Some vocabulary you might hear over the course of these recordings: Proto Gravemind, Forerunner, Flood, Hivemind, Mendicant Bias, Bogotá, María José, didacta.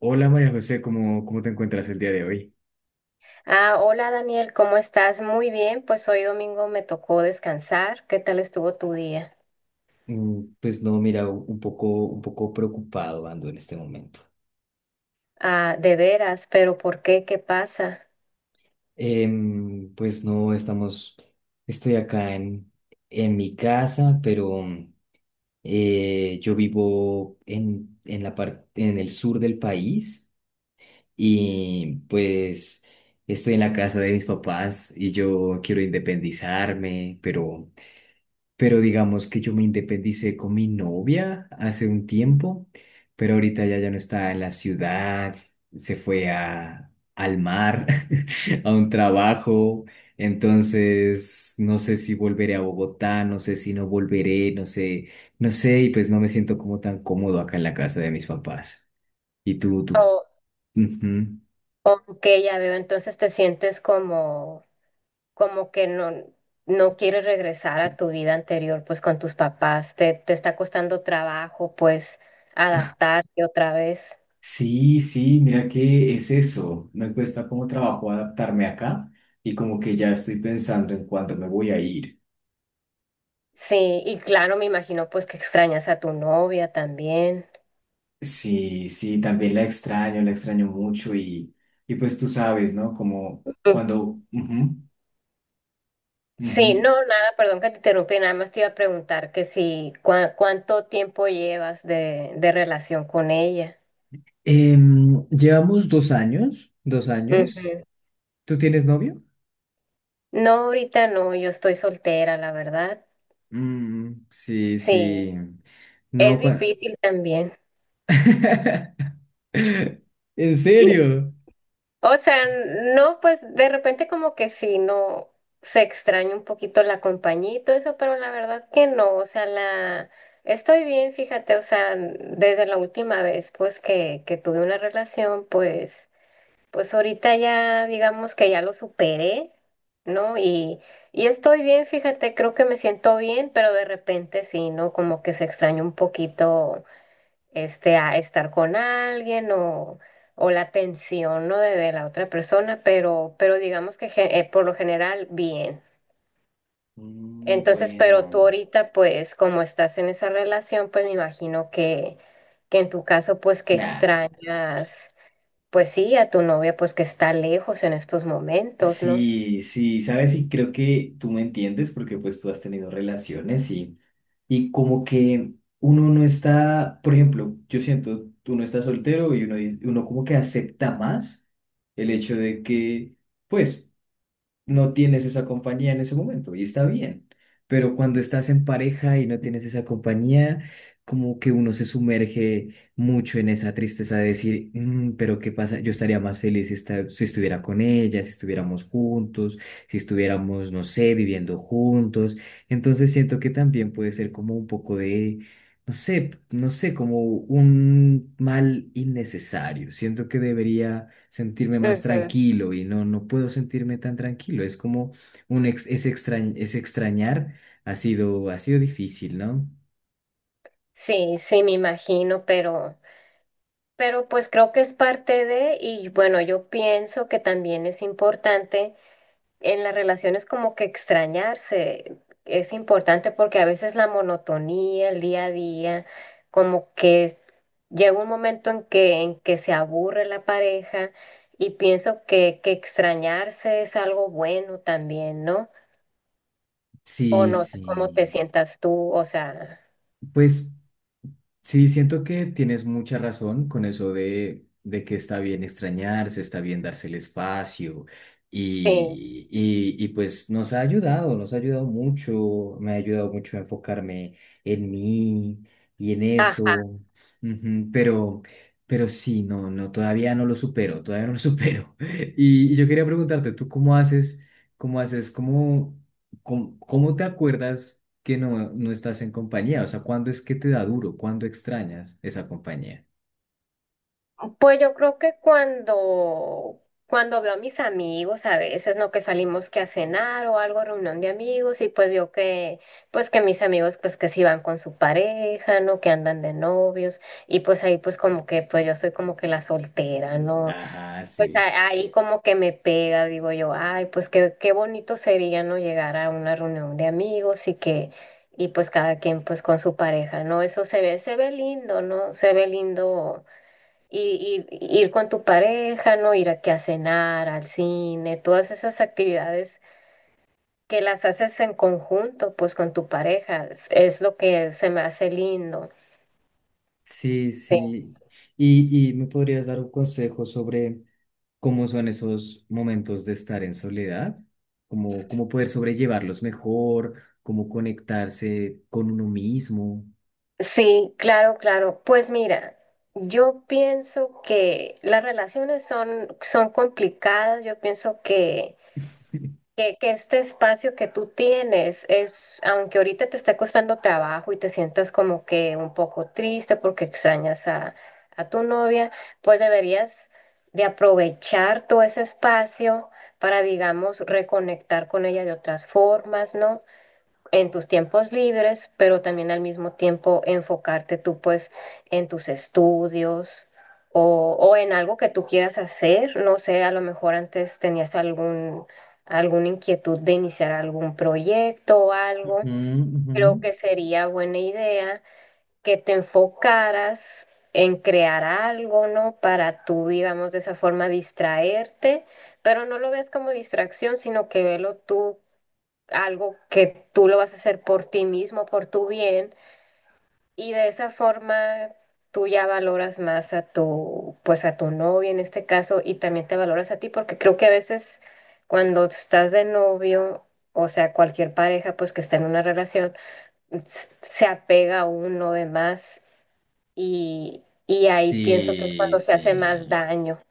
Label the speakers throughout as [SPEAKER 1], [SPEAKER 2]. [SPEAKER 1] Hola María José, ¿cómo te encuentras el día de hoy?
[SPEAKER 2] Ah, hola Daniel, ¿cómo estás? Muy bien, pues hoy domingo me tocó descansar. ¿Qué tal estuvo tu día?
[SPEAKER 1] Pues no, mira, un poco preocupado ando en este momento.
[SPEAKER 2] Ah, de veras, pero ¿por qué? ¿Qué pasa?
[SPEAKER 1] Pues no, estoy acá en, mi casa, pero yo vivo en la parte, en el sur del país y pues estoy en la casa de mis papás y yo quiero independizarme, pero digamos que yo me independicé con mi novia hace un tiempo, pero ahorita ella ya no está en la ciudad, se fue al mar, a un trabajo. Entonces, no sé si volveré a Bogotá, no sé si no volveré, no sé, no sé, y pues no me siento como tan cómodo acá en la casa de mis papás. ¿Y tú, tú?
[SPEAKER 2] O,
[SPEAKER 1] Ujú.
[SPEAKER 2] ok, ya veo, entonces te sientes como, como que no, no quieres regresar a tu vida anterior, pues con tus papás, te está costando trabajo, pues adaptarte otra vez.
[SPEAKER 1] Sí, sí, mira que es eso. Me cuesta como trabajo adaptarme acá y como que ya estoy pensando en cuándo me voy a ir.
[SPEAKER 2] Sí, y claro, me imagino pues que extrañas a tu novia también.
[SPEAKER 1] Sí, sí, también la extraño mucho y pues tú sabes, ¿no? Como cuando. Ujú,
[SPEAKER 2] Sí,
[SPEAKER 1] ujú.
[SPEAKER 2] no, nada, perdón que te interrumpí, nada más te iba a preguntar que si cuánto tiempo llevas de relación con ella.
[SPEAKER 1] Llevamos 2 años, 2 años.
[SPEAKER 2] Ujú.
[SPEAKER 1] ¿Tú tienes novio?
[SPEAKER 2] No, ahorita no, yo estoy soltera, la verdad.
[SPEAKER 1] Mm, sí,
[SPEAKER 2] Sí,
[SPEAKER 1] sí.
[SPEAKER 2] es
[SPEAKER 1] No,
[SPEAKER 2] difícil también.
[SPEAKER 1] ¿En serio?
[SPEAKER 2] O sea, no, pues de repente como que sí, no se extraña un poquito la compañía y todo eso, pero la verdad que no, o sea, la estoy bien, fíjate, o sea, desde la última vez pues que tuve una relación, pues pues ahorita ya digamos que ya lo superé, ¿no? Y estoy bien, fíjate, creo que me siento bien, pero de repente sí, ¿no? Como que se extraña un poquito este a estar con alguien o la atención, ¿no? De la otra persona, pero digamos que por lo general bien.
[SPEAKER 1] Mm,
[SPEAKER 2] Entonces, pero tú
[SPEAKER 1] bueno,
[SPEAKER 2] ahorita, pues, como estás en esa relación, pues me imagino que en tu caso, pues, que
[SPEAKER 1] claro.
[SPEAKER 2] extrañas. Pues sí, a tu novia, pues que está lejos en estos momentos, ¿no?
[SPEAKER 1] Sí, sí, sabes, y creo que tú me entiendes porque pues tú has tenido relaciones y como que uno no está, por ejemplo, yo siento, uno está soltero y uno como que acepta más el hecho de que, pues, no tienes esa compañía en ese momento y está bien, pero cuando estás en pareja y no tienes esa compañía, como que uno se sumerge mucho en esa tristeza de decir, "Mm, pero ¿qué pasa? Yo estaría más feliz si, si estuviera con ella, si estuviéramos juntos, si estuviéramos, no sé, viviendo juntos. Entonces siento que también puede ser como un poco de. No sé, no sé, como un mal innecesario. Siento que debería sentirme más
[SPEAKER 2] Ujú.
[SPEAKER 1] tranquilo y no, no puedo sentirme tan tranquilo. Es como un ex, es extrañ- es extrañar, ha sido difícil, ¿no?
[SPEAKER 2] Sí, sí, me imagino, pero pues creo que es parte de, y bueno, yo pienso que también es importante en las relaciones como que extrañarse, es importante porque a veces la monotonía, el día a día, como que llega un momento en que se aburre la pareja y pienso que extrañarse es algo bueno también, ¿no? O
[SPEAKER 1] Sí,
[SPEAKER 2] no sé cómo te
[SPEAKER 1] sí.
[SPEAKER 2] sientas tú, o sea,
[SPEAKER 1] Pues. Sí, siento que tienes mucha razón con eso de que está bien extrañarse, está bien darse el espacio
[SPEAKER 2] sí,
[SPEAKER 1] y, y pues nos ha ayudado mucho, me ha ayudado mucho a enfocarme en mí y en
[SPEAKER 2] ajá.
[SPEAKER 1] eso, ujú, pero, sí, no, no, todavía no lo supero, todavía no lo supero. Y yo quería preguntarte, ¿tú cómo haces, cómo te acuerdas? Que no, no estás en compañía. O sea, ¿cuándo es que te da duro? ¿Cuándo extrañas esa compañía?
[SPEAKER 2] Pues yo creo que cuando, cuando veo a mis amigos, a veces, ¿no? Que salimos que a cenar o algo, reunión de amigos, y pues veo que, pues que mis amigos, pues que sí van con su pareja, ¿no? Que andan de novios, y pues ahí pues como que, pues yo soy como que la soltera, ¿no?
[SPEAKER 1] Ajá,
[SPEAKER 2] Pues
[SPEAKER 1] sí.
[SPEAKER 2] ahí como que me pega, digo yo, ay, pues qué, qué bonito sería, ¿no? Llegar a una reunión de amigos y que, y pues cada quien pues con su pareja, ¿no? Eso se ve lindo, ¿no? Se ve lindo ir, ir con tu pareja, ¿no? Ir aquí a cenar, al cine, todas esas actividades que las haces en conjunto, pues con tu pareja, es lo que se me hace lindo.
[SPEAKER 1] Sí, sí. ¿Y me podrías dar un consejo sobre cómo son esos momentos de estar en soledad? ¿Cómo poder sobrellevarlos mejor? ¿Cómo conectarse con uno mismo?
[SPEAKER 2] Sí, claro, claro. Pues mira, yo pienso que las relaciones son, son complicadas. Yo pienso que este espacio que tú tienes es, aunque ahorita te está costando trabajo y te sientas como que un poco triste porque extrañas a tu novia, pues deberías de aprovechar todo ese espacio para, digamos, reconectar con ella de otras formas, ¿no? En tus tiempos libres, pero también al mismo tiempo enfocarte tú pues en tus estudios o en algo que tú quieras hacer. No sé, a lo mejor antes tenías algún, alguna inquietud de iniciar algún proyecto o algo.
[SPEAKER 1] Ujú, ujú.
[SPEAKER 2] Creo que sería buena idea que te enfocaras en crear algo, ¿no? Para tú, digamos, de esa forma distraerte, pero no lo veas como distracción, sino que velo tú algo que tú lo vas a hacer por ti mismo, por tu bien, y de esa forma tú ya valoras más a tu, pues a tu novio en este caso, y también te valoras a ti, porque creo que a veces cuando estás de novio, o sea, cualquier pareja pues que está en una relación, se apega a uno de más y ahí pienso que es
[SPEAKER 1] Sí,
[SPEAKER 2] cuando se hace más
[SPEAKER 1] sí.
[SPEAKER 2] daño,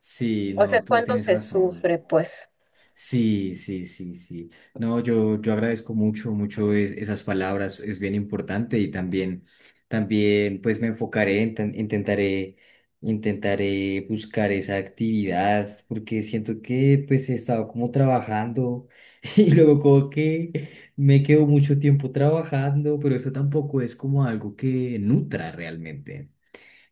[SPEAKER 1] Sí,
[SPEAKER 2] o sea,
[SPEAKER 1] no,
[SPEAKER 2] es
[SPEAKER 1] tú
[SPEAKER 2] cuando
[SPEAKER 1] tienes
[SPEAKER 2] se
[SPEAKER 1] razón.
[SPEAKER 2] sufre, pues.
[SPEAKER 1] Sí, sí, sí, sí. No, yo agradezco mucho, mucho esas palabras, es bien importante y también, también pues me enfocaré, intentaré buscar esa actividad porque siento que pues he estado como trabajando y luego como que me quedo mucho tiempo trabajando, pero eso tampoco es como algo que nutra realmente.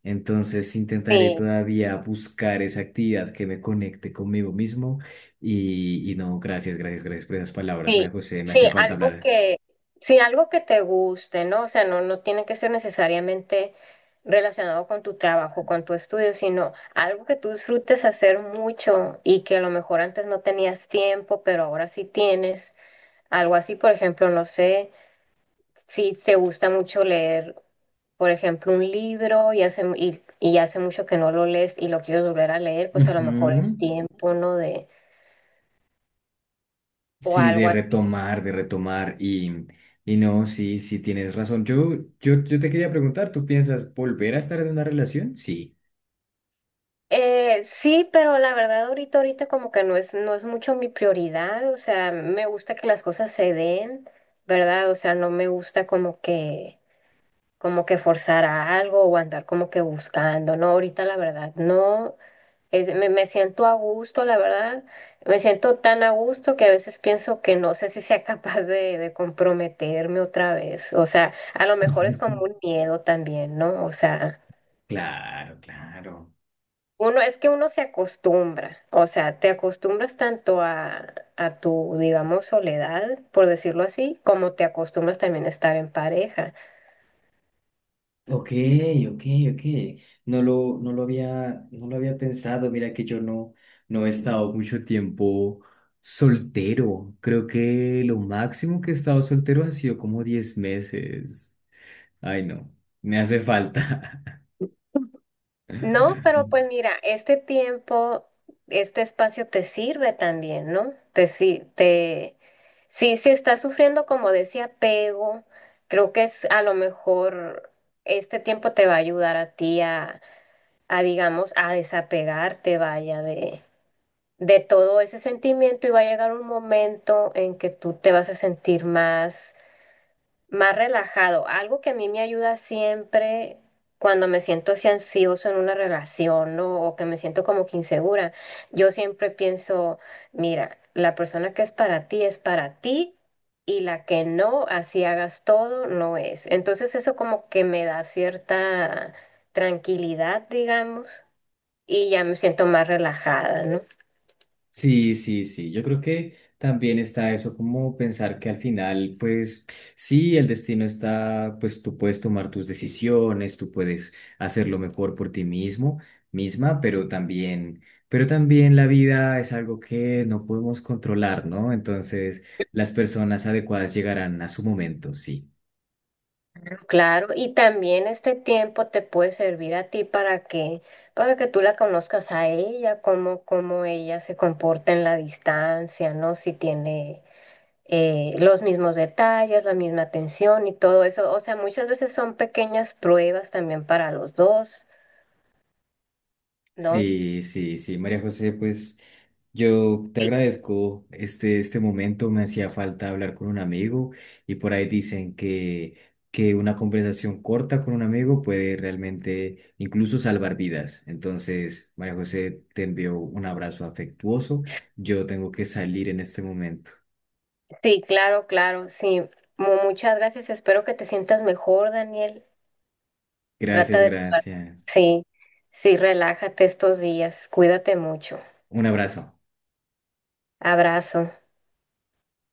[SPEAKER 1] Entonces intentaré
[SPEAKER 2] Sí.
[SPEAKER 1] todavía buscar esa actividad que me conecte conmigo mismo y no, gracias, gracias, gracias por esas palabras,
[SPEAKER 2] Sí,
[SPEAKER 1] María José, me
[SPEAKER 2] sí,
[SPEAKER 1] hacía falta
[SPEAKER 2] algo
[SPEAKER 1] hablar.
[SPEAKER 2] que, sí, algo que te guste, ¿no? O sea, no, no tiene que ser necesariamente relacionado con tu trabajo, con tu estudio, sino algo que tú disfrutes hacer mucho y que a lo mejor antes no tenías tiempo, pero ahora sí tienes. Algo así, por ejemplo, no sé, si te gusta mucho leer, por ejemplo, un libro y y hace mucho que no lo lees y lo quieres volver a leer, pues a lo mejor
[SPEAKER 1] Ujú.
[SPEAKER 2] es tiempo, ¿no? De, o
[SPEAKER 1] Sí,
[SPEAKER 2] algo.
[SPEAKER 1] de retomar y no, sí, sí tienes razón. Yo te quería preguntar, ¿tú piensas volver a estar en una relación? Sí.
[SPEAKER 2] Sí, pero la verdad ahorita, ahorita como que no es, no es mucho mi prioridad, o sea, me gusta que las cosas se den, ¿verdad? O sea, no me gusta como que forzar a algo o andar como que buscando, ¿no? Ahorita la verdad, no, es, me siento a gusto, la verdad, me siento tan a gusto que a veces pienso que no sé si sea capaz de comprometerme otra vez, o sea, a lo mejor es como un miedo también, ¿no? O sea...
[SPEAKER 1] Claro, claro.
[SPEAKER 2] Uno, es que uno se acostumbra, o sea, te acostumbras tanto a tu, digamos, soledad, por decirlo así, como te acostumbras también a estar en pareja.
[SPEAKER 1] Ok, ok, ok. No lo había pensado. Mira que yo no, no he estado mucho tiempo soltero. Creo que lo máximo que he estado soltero ha sido como 10 meses. Ay, no, me hace falta.
[SPEAKER 2] No, pero pues mira, este tiempo, este espacio te sirve también, ¿no? Te, si- te, sí, si estás sufriendo como de ese apego, creo que es a lo mejor este tiempo te va a ayudar a ti a digamos, a desapegarte, vaya, de todo ese sentimiento y va a llegar un momento en que tú te vas a sentir más, más relajado. Algo que a mí me ayuda siempre cuando me siento así ansioso en una relación, ¿no? O que me siento como que insegura. Yo siempre pienso, mira, la persona que es para ti es para ti. Y la que no, así hagas todo, no es. Entonces eso como que me da cierta tranquilidad, digamos, y ya me siento más relajada, ¿no?
[SPEAKER 1] Sí, sí, sí. Yo creo que también está eso como pensar que al final, pues sí, el destino está, pues tú puedes tomar tus decisiones, tú puedes hacerlo mejor por ti mismo, misma, pero también, la vida es algo que no podemos controlar, ¿no? Entonces, las personas adecuadas llegarán a su momento, sí.
[SPEAKER 2] Claro, y también este tiempo te puede servir a ti para que tú la conozcas a ella, cómo, cómo ella se comporta en la distancia, ¿no? Si tiene los mismos detalles, la misma atención y todo eso. O sea, muchas veces son pequeñas pruebas también para los dos, ¿no?
[SPEAKER 1] Sí, sí, sí, María José, pues yo te agradezco este momento, me hacía falta hablar con un amigo y por ahí dicen que, una conversación corta con un amigo puede realmente incluso salvar vidas. Entonces, María José, te envío un abrazo afectuoso, yo tengo que salir en este momento.
[SPEAKER 2] Sí, claro, claro, sí. Muchas gracias. Espero que te sientas mejor, Daniel. Trata
[SPEAKER 1] Gracias,
[SPEAKER 2] de...
[SPEAKER 1] gracias.
[SPEAKER 2] Sí, sí, relájate estos días. Cuídate mucho.
[SPEAKER 1] Un abrazo.
[SPEAKER 2] Abrazo.